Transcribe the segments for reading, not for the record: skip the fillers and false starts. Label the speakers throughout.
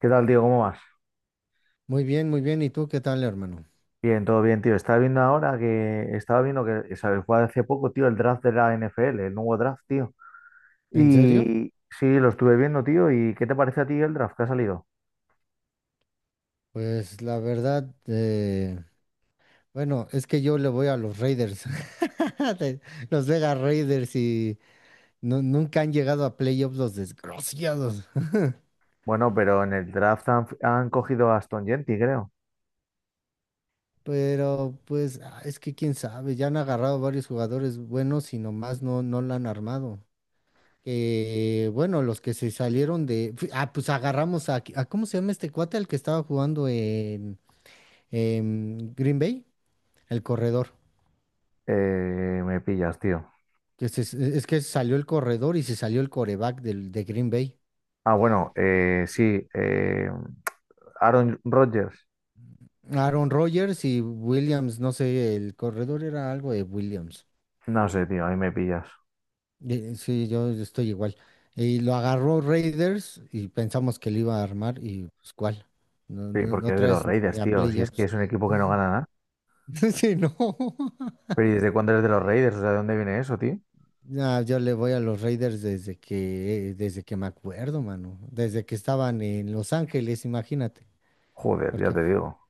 Speaker 1: ¿Qué tal, tío? ¿Cómo vas?
Speaker 2: Muy bien, muy bien. ¿Y tú qué tal, hermano?
Speaker 1: Bien, todo bien, tío. Estaba viendo ahora que estaba viendo que se fue hace poco, tío, el draft de la NFL, el nuevo draft, tío.
Speaker 2: ¿En serio?
Speaker 1: Y sí, lo estuve viendo, tío. ¿Y qué te parece a ti el draft que ha salido?
Speaker 2: Pues la verdad, bueno, es que yo le voy a los Raiders, de- los Vegas Raiders y nunca han llegado a playoffs los desgraciados.
Speaker 1: Bueno, pero en el draft han cogido a Aston Gentry, creo.
Speaker 2: Pero pues ah, es que quién sabe, ya han agarrado varios jugadores buenos y nomás no, no la han armado. Que bueno, los que se salieron de... Ah, pues agarramos a... ¿Cómo se llama este cuate? El que estaba jugando en Green Bay, el corredor.
Speaker 1: Me pillas, tío.
Speaker 2: Es que salió el corredor y se salió el coreback de Green Bay.
Speaker 1: Ah, bueno, sí. Aaron Rodgers.
Speaker 2: Aaron Rodgers y Williams, no sé, el corredor era algo de Williams.
Speaker 1: No sé, tío, ahí me pillas.
Speaker 2: Sí, yo estoy igual. Y lo agarró Raiders y pensamos que lo iba a armar y pues cuál. No,
Speaker 1: Sí,
Speaker 2: no, no
Speaker 1: porque es de los
Speaker 2: traes ni
Speaker 1: Raiders,
Speaker 2: a
Speaker 1: tío. Si es que
Speaker 2: playoffs.
Speaker 1: es un equipo que no gana nada.
Speaker 2: Sí, no.
Speaker 1: Pero ¿y desde cuándo eres de los Raiders? O sea, ¿de dónde viene eso, tío?
Speaker 2: No, yo le voy a los Raiders desde que, desde que me acuerdo, mano. Desde que estaban en Los Ángeles, imagínate.
Speaker 1: Joder, ya
Speaker 2: Porque
Speaker 1: te digo.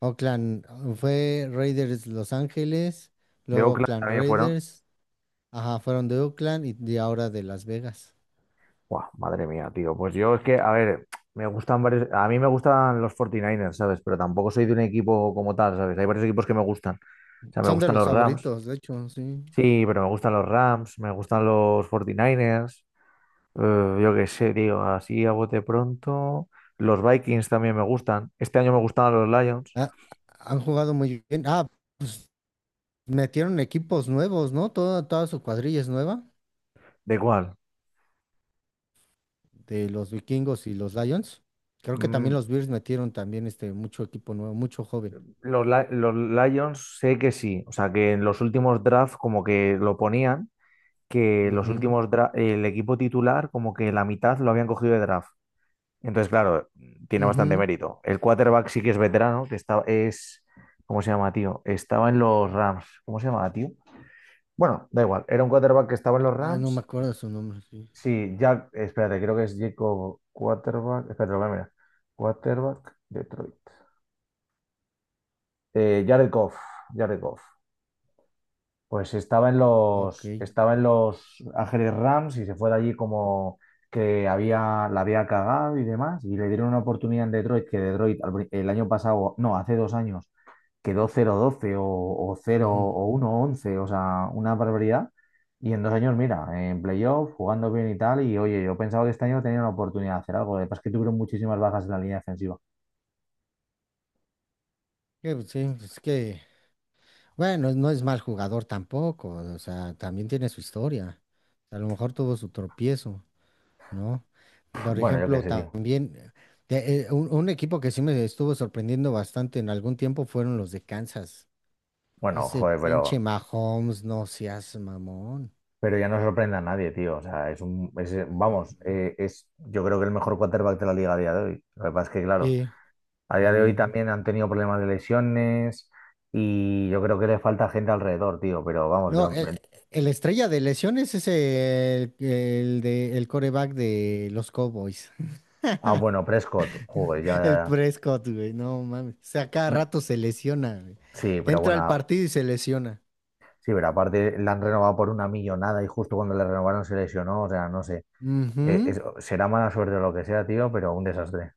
Speaker 2: Oakland fue Raiders Los Ángeles,
Speaker 1: De
Speaker 2: luego
Speaker 1: Oakland
Speaker 2: Oakland
Speaker 1: también fueron.
Speaker 2: Raiders, ajá, fueron de Oakland y de ahora de Las Vegas.
Speaker 1: Buah, madre mía, tío. Pues yo es que, a ver, me gustan varios. A mí me gustan los 49 Niners, ¿sabes? Pero tampoco soy de un equipo como tal, ¿sabes? Hay varios equipos que me gustan. O sea, me
Speaker 2: Son de
Speaker 1: gustan
Speaker 2: los
Speaker 1: los Rams.
Speaker 2: favoritos, de hecho, sí.
Speaker 1: Sí, pero me gustan los Rams, me gustan los 49 Niners, yo qué sé, tío, así a bote pronto. Los Vikings también me gustan. Este año me gustaban los Lions.
Speaker 2: Ah, han jugado muy bien. Ah, metieron equipos nuevos, ¿no? Toda su cuadrilla es nueva,
Speaker 1: ¿De cuál?
Speaker 2: de los Vikingos y los Lions. Creo que
Speaker 1: Mm,
Speaker 2: también los Bears metieron también este mucho equipo nuevo, mucho joven.
Speaker 1: los Lions sé que sí. O sea, que en los últimos drafts como que lo ponían, que los
Speaker 2: Ujú,
Speaker 1: últimos dra- el equipo titular, como que la mitad lo habían cogido de draft. Entonces, claro, tiene bastante
Speaker 2: ujú.
Speaker 1: mérito. El quarterback sí que es veterano, que está, es, ¿cómo se llama, tío? Estaba en los Rams. ¿Cómo se llama, tío? Bueno, da igual. Era un quarterback que estaba en los
Speaker 2: Ay, no me
Speaker 1: Rams.
Speaker 2: acuerdo su nombre, sí.
Speaker 1: Sí, Jack, espérate, creo que es Jacob quarterback. Espérate, lo voy a mirar. Quarterback Detroit. Jared Goff. Jared Goff. Pues
Speaker 2: Ok,
Speaker 1: estaba en los Ángeles Rams y se fue de allí como que había, la había cagado y demás. Y le dieron una oportunidad en Detroit, que el año pasado, no, hace dos años, quedó cero doce o 0
Speaker 2: ujú.
Speaker 1: o uno once, o sea, una barbaridad. Y en dos años, mira, en playoff, jugando bien y tal. Y oye, yo pensaba que este año tenía una oportunidad de hacer algo. Lo que pasa es que tuvieron muchísimas bajas en la línea defensiva.
Speaker 2: Que, pues, sí, pues, es que bueno, no es mal jugador tampoco, o sea, también tiene su historia. A lo mejor tuvo su tropiezo, ¿no? Por
Speaker 1: Bueno, yo qué
Speaker 2: ejemplo,
Speaker 1: sé, tío.
Speaker 2: también un equipo que sí me estuvo sorprendiendo bastante en algún tiempo fueron los de Kansas.
Speaker 1: Bueno,
Speaker 2: Ese
Speaker 1: joder,
Speaker 2: pinche
Speaker 1: pero
Speaker 2: Mahomes, no seas mamón.
Speaker 1: Pero ya no sorprende a nadie, tío. O sea, es un, es, vamos, es, yo creo que el mejor quarterback de la liga a día de hoy. Lo que pasa es que, claro,
Speaker 2: Sí,
Speaker 1: a día de hoy
Speaker 2: también.
Speaker 1: también han tenido problemas de lesiones y yo creo que le falta gente alrededor, tío. Pero vamos,
Speaker 2: No, el, el estrella de lesiones es el de el coreback de los Cowboys.
Speaker 1: ah, bueno, Prescott, joder,
Speaker 2: El Prescott, güey, no mames. O sea, cada
Speaker 1: no-
Speaker 2: rato se lesiona, güey.
Speaker 1: sí, pero
Speaker 2: Entra
Speaker 1: bueno,
Speaker 2: al partido y se lesiona.
Speaker 1: sí, pero aparte la han renovado por una millonada y justo cuando le renovaron se lesionó, o sea, no sé.
Speaker 2: Ujú,
Speaker 1: Será mala suerte o lo que sea, tío, pero un desastre.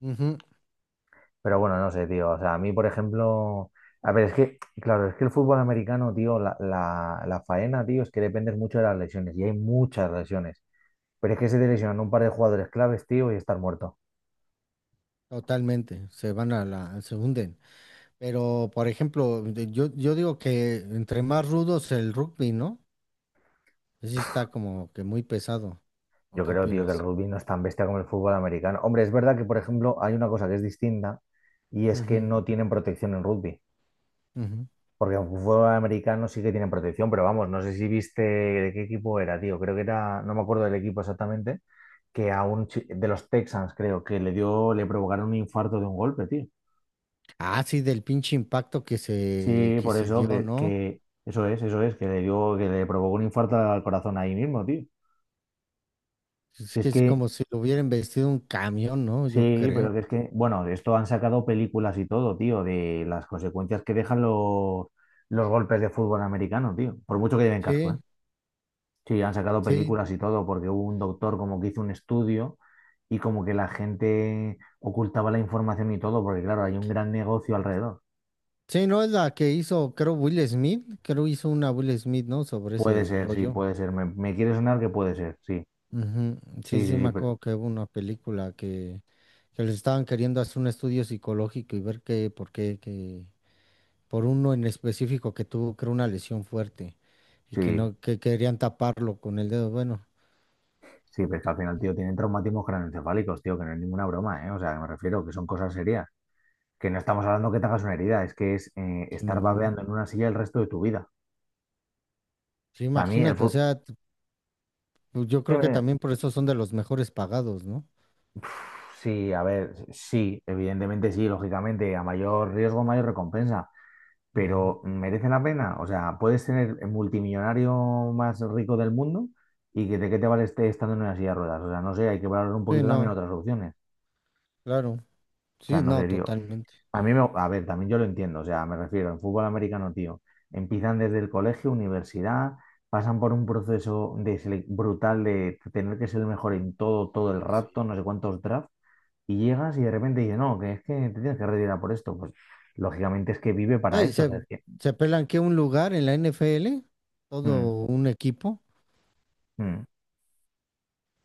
Speaker 2: ujú,
Speaker 1: Pero bueno, no sé, tío. O sea, a mí, por ejemplo, a ver, es que, claro, es que el fútbol americano, tío, la faena, tío, es que dependes mucho de las lesiones y hay muchas lesiones. Pero es que se te lesionan un par de jugadores claves, tío, y estar muerto.
Speaker 2: totalmente. Se van a se hunden. Pero, por ejemplo, yo digo que entre más rudos el rugby, ¿no? Sí está como que muy pesado. ¿O
Speaker 1: Yo
Speaker 2: qué
Speaker 1: creo, tío, que el
Speaker 2: opinas?
Speaker 1: rugby no es tan bestia como el fútbol americano. Hombre, es verdad que, por ejemplo, hay una cosa que es distinta y es que no tienen protección en rugby.
Speaker 2: Ujú, ujú.
Speaker 1: Porque aunque fútbol americano sí que tienen protección, pero vamos, no sé si viste de qué equipo era, tío. Creo que era, no me acuerdo del equipo exactamente, que a un chi- de los Texans, creo, que le dio, le provocaron un infarto de un golpe, tío.
Speaker 2: Ah, sí, del pinche impacto que
Speaker 1: Sí,
Speaker 2: que
Speaker 1: por
Speaker 2: se
Speaker 1: eso
Speaker 2: dio,
Speaker 1: que,
Speaker 2: ¿no?
Speaker 1: que que le dio, que le provocó un infarto al corazón ahí mismo, tío.
Speaker 2: Es
Speaker 1: Si es
Speaker 2: que es
Speaker 1: que,
Speaker 2: como si lo hubieran vestido un camión, ¿no? Yo
Speaker 1: sí,
Speaker 2: creo.
Speaker 1: pero que es que, bueno, de esto han sacado películas y todo, tío, de las consecuencias que dejan los golpes de fútbol americano, tío. Por mucho que lleven casco,
Speaker 2: Sí,
Speaker 1: ¿eh? Sí, han sacado
Speaker 2: sí,
Speaker 1: películas y todo, porque hubo un doctor como que hizo un estudio y como que la gente ocultaba la información y todo, porque claro, hay un gran negocio alrededor.
Speaker 2: sí, no es la que hizo, creo, Will Smith. Creo hizo una Will Smith, ¿no? Sobre
Speaker 1: Puede
Speaker 2: ese
Speaker 1: ser, sí,
Speaker 2: rollo.
Speaker 1: puede ser. Me quiere sonar que puede ser, sí.
Speaker 2: Ujú. Sí,
Speaker 1: Sí,
Speaker 2: sí, me acuerdo que hubo una película que les estaban queriendo hacer un estudio psicológico y ver qué, por qué, que, por uno en específico que tuvo, creo, una lesión fuerte y que
Speaker 1: sí,
Speaker 2: no, que querían taparlo con el dedo. Bueno,
Speaker 1: sí, pero es que al final, tío, tienen traumatismos craneoencefálicos, tío, que no es ninguna broma, ¿eh? O sea, me refiero que son cosas serias. Que no estamos hablando que te hagas una herida, es que es
Speaker 2: sí,
Speaker 1: estar
Speaker 2: no.
Speaker 1: babeando en una silla el resto de tu vida.
Speaker 2: Sí,
Speaker 1: O sea, a mí el
Speaker 2: imagínate, o
Speaker 1: fútbol...
Speaker 2: sea, pues yo creo que también por eso son de los mejores pagados, ¿no?
Speaker 1: Sí, a ver, sí, evidentemente sí, lógicamente, a mayor riesgo, mayor recompensa,
Speaker 2: Ujú.
Speaker 1: pero ¿merece la pena? O sea, puedes tener el multimillonario más rico del mundo y que de qué te vale este estando en una silla de ruedas. O sea, no sé, hay que valorar un
Speaker 2: Sí,
Speaker 1: poquito también
Speaker 2: no,
Speaker 1: otras opciones.
Speaker 2: claro.
Speaker 1: O sea,
Speaker 2: Sí,
Speaker 1: no sé,
Speaker 2: no,
Speaker 1: tío.
Speaker 2: totalmente.
Speaker 1: A mí, me, a ver, también yo lo entiendo, o sea, me refiero, en fútbol americano, tío, empiezan desde el colegio, universidad, pasan por un proceso brutal de tener que ser el mejor en todo, todo el rato,
Speaker 2: Sí.
Speaker 1: no sé cuántos drafts y llegas y de repente dices, no, que es que te tienes que retirar por esto. Pues lógicamente es que vive
Speaker 2: No,
Speaker 1: para
Speaker 2: y
Speaker 1: eso. O
Speaker 2: se,
Speaker 1: sea, es que,
Speaker 2: se pelan que un lugar en la NFL,
Speaker 1: mm,
Speaker 2: todo un equipo.
Speaker 1: mm,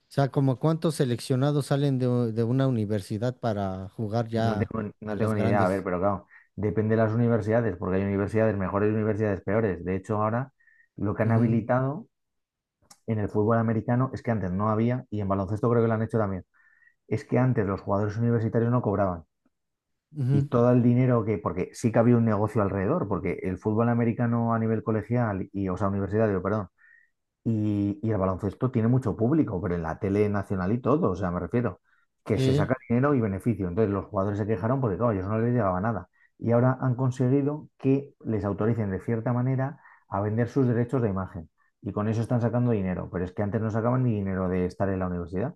Speaker 2: O sea, como cuántos seleccionados salen de una universidad para jugar ya a
Speaker 1: no tengo
Speaker 2: las
Speaker 1: ni idea, a ver,
Speaker 2: grandes.
Speaker 1: pero claro, depende de las universidades, porque hay universidades mejores y universidades peores. De hecho, ahora lo que han
Speaker 2: Ujú,
Speaker 1: habilitado en el fútbol americano es que antes no había, y en baloncesto creo que lo han hecho también, es que antes los jugadores universitarios no cobraban. Y
Speaker 2: ujú.
Speaker 1: todo el dinero que, porque sí que había un negocio alrededor, porque el fútbol americano a nivel colegial y, o sea, universitario, perdón, y el baloncesto tiene mucho público, pero en la tele nacional y todo, o sea, me refiero, que se
Speaker 2: Sí,
Speaker 1: saca dinero y beneficio. Entonces los jugadores se quejaron porque, claro, a ellos no les llegaba nada. Y ahora han conseguido que les autoricen de cierta manera a vender sus derechos de imagen. Y con eso están sacando dinero, pero es que antes no sacaban ni dinero de estar en la universidad.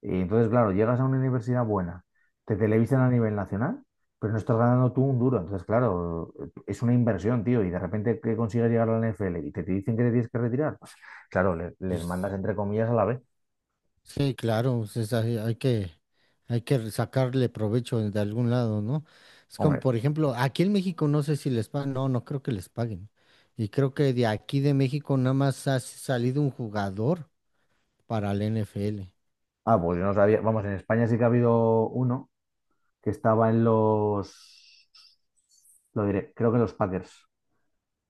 Speaker 1: Y entonces, claro, llegas a una universidad buena, te televisan a nivel nacional, pero no estás ganando tú un duro. Entonces, claro, es una inversión, tío, y de repente que consigues llegar a la NFL y te dicen que te tienes que retirar, claro, les mandas
Speaker 2: pues,
Speaker 1: entre comillas a la B.
Speaker 2: sí, claro, pues, es ahí- hay que sacarle provecho de algún lado, ¿no? Es como,
Speaker 1: Hombre,
Speaker 2: por ejemplo, aquí en México no sé si les pagan, no, no creo que les paguen. Y creo que de aquí de México nada más ha salido un jugador para la NFL.
Speaker 1: pues yo no sabía. Vamos, en España sí que ha habido uno que estaba en los, lo diré, creo que en los Packers,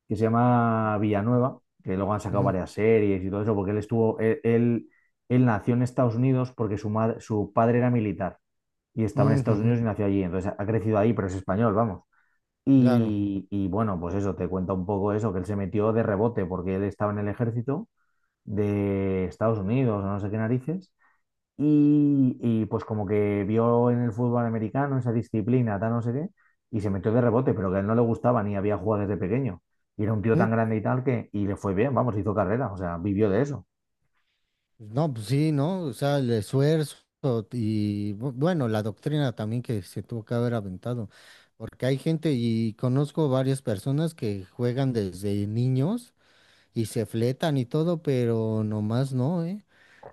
Speaker 1: que se llama Villanueva, que luego han sacado
Speaker 2: Ujú,
Speaker 1: varias series y todo eso, porque él estuvo, él nació en Estados Unidos porque su madre, su padre era militar y estaba en
Speaker 2: ujú,
Speaker 1: Estados
Speaker 2: ujú.
Speaker 1: Unidos y nació allí. Entonces ha crecido ahí, pero es español, vamos.
Speaker 2: Claro.
Speaker 1: Y bueno, pues eso, te cuenta un poco eso, que él se metió de rebote porque él estaba en el ejército de Estados Unidos o no sé qué narices. Pues como que vio en el fútbol americano esa disciplina, tal no sé qué, y se metió de rebote, pero que a él no le gustaba ni había jugado desde pequeño. Y era un tío tan
Speaker 2: Mm,
Speaker 1: grande y tal que, y le fue bien, vamos, hizo carrera, o sea, vivió de eso.
Speaker 2: no, pues sí, ¿no? O sea, el esfuerzo y bueno, la doctrina también que se tuvo que haber aventado, porque hay gente y conozco varias personas que juegan desde niños y se fletan y todo, pero nomás no, ¿eh?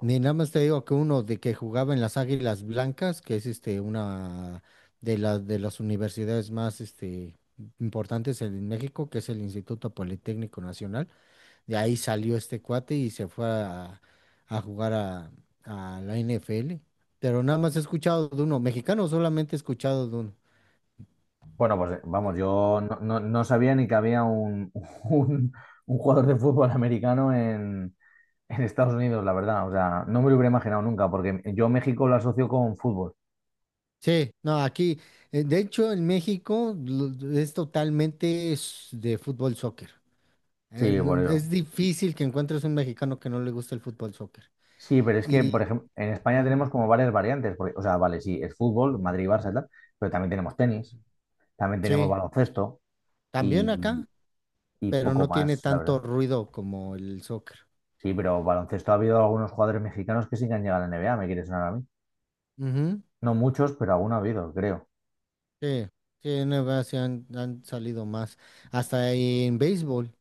Speaker 2: Ni nada más te digo que uno de que jugaba en las Águilas Blancas, que es este una de las universidades más este importantes en México, que es el Instituto Politécnico Nacional. De ahí salió este cuate y se fue a jugar a la NFL. Pero nada más he escuchado de uno. Mexicano solamente he escuchado de uno.
Speaker 1: Bueno, pues vamos, yo no sabía ni que había un, un jugador de fútbol americano en Estados Unidos, la verdad, o sea, no me lo hubiera imaginado nunca, porque yo México lo asocio con fútbol.
Speaker 2: Sí, no, aquí, de hecho, en México es totalmente de fútbol soccer.
Speaker 1: Sí, por ello.
Speaker 2: Es difícil que encuentres un mexicano que no le guste el fútbol soccer.
Speaker 1: Sí, pero es que,
Speaker 2: Y
Speaker 1: por ejemplo, en España
Speaker 2: mm,
Speaker 1: tenemos como varias variantes, porque, o sea, vale, sí, es fútbol,
Speaker 2: ujú,
Speaker 1: Madrid, Barça y tal, pero también tenemos tenis, también tenemos
Speaker 2: sí,
Speaker 1: baloncesto
Speaker 2: también
Speaker 1: y,
Speaker 2: acá,
Speaker 1: y
Speaker 2: pero
Speaker 1: poco
Speaker 2: no tiene
Speaker 1: más, la
Speaker 2: tanto
Speaker 1: verdad.
Speaker 2: ruido como el soccer.
Speaker 1: Sí, pero baloncesto ha habido algunos jugadores mexicanos que sí que han llegado a la NBA, me quiere sonar a mí. No muchos, pero alguno ha habido, creo.
Speaker 2: Sí, sí, en NBA sí han, han salido más. Hasta en béisbol,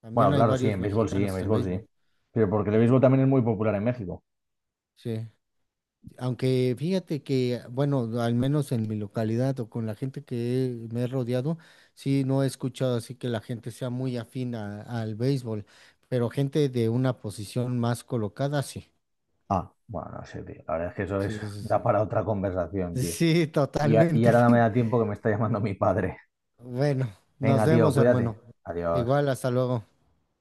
Speaker 2: también
Speaker 1: Bueno,
Speaker 2: hay
Speaker 1: claro, sí,
Speaker 2: varios
Speaker 1: en béisbol sí, en
Speaker 2: mexicanos en
Speaker 1: béisbol sí.
Speaker 2: béisbol.
Speaker 1: Pero porque el
Speaker 2: Ujú.
Speaker 1: béisbol también es muy popular en México.
Speaker 2: Sí, aunque fíjate que, bueno, al menos en mi localidad o con la gente que me he rodeado, sí, no he escuchado así que la gente sea muy afín al béisbol, pero gente de una posición más colocada, sí.
Speaker 1: Ah, bueno, no sé, tío. La verdad es que eso es,
Speaker 2: Sí, sí,
Speaker 1: da
Speaker 2: sí.
Speaker 1: para otra conversación, tío.
Speaker 2: Sí,
Speaker 1: Y, y
Speaker 2: totalmente.
Speaker 1: ahora no me da tiempo que me está llamando mi padre.
Speaker 2: Bueno, nos
Speaker 1: Venga, tío,
Speaker 2: vemos,
Speaker 1: cuídate.
Speaker 2: hermano.
Speaker 1: Adiós.
Speaker 2: Igual, hasta luego.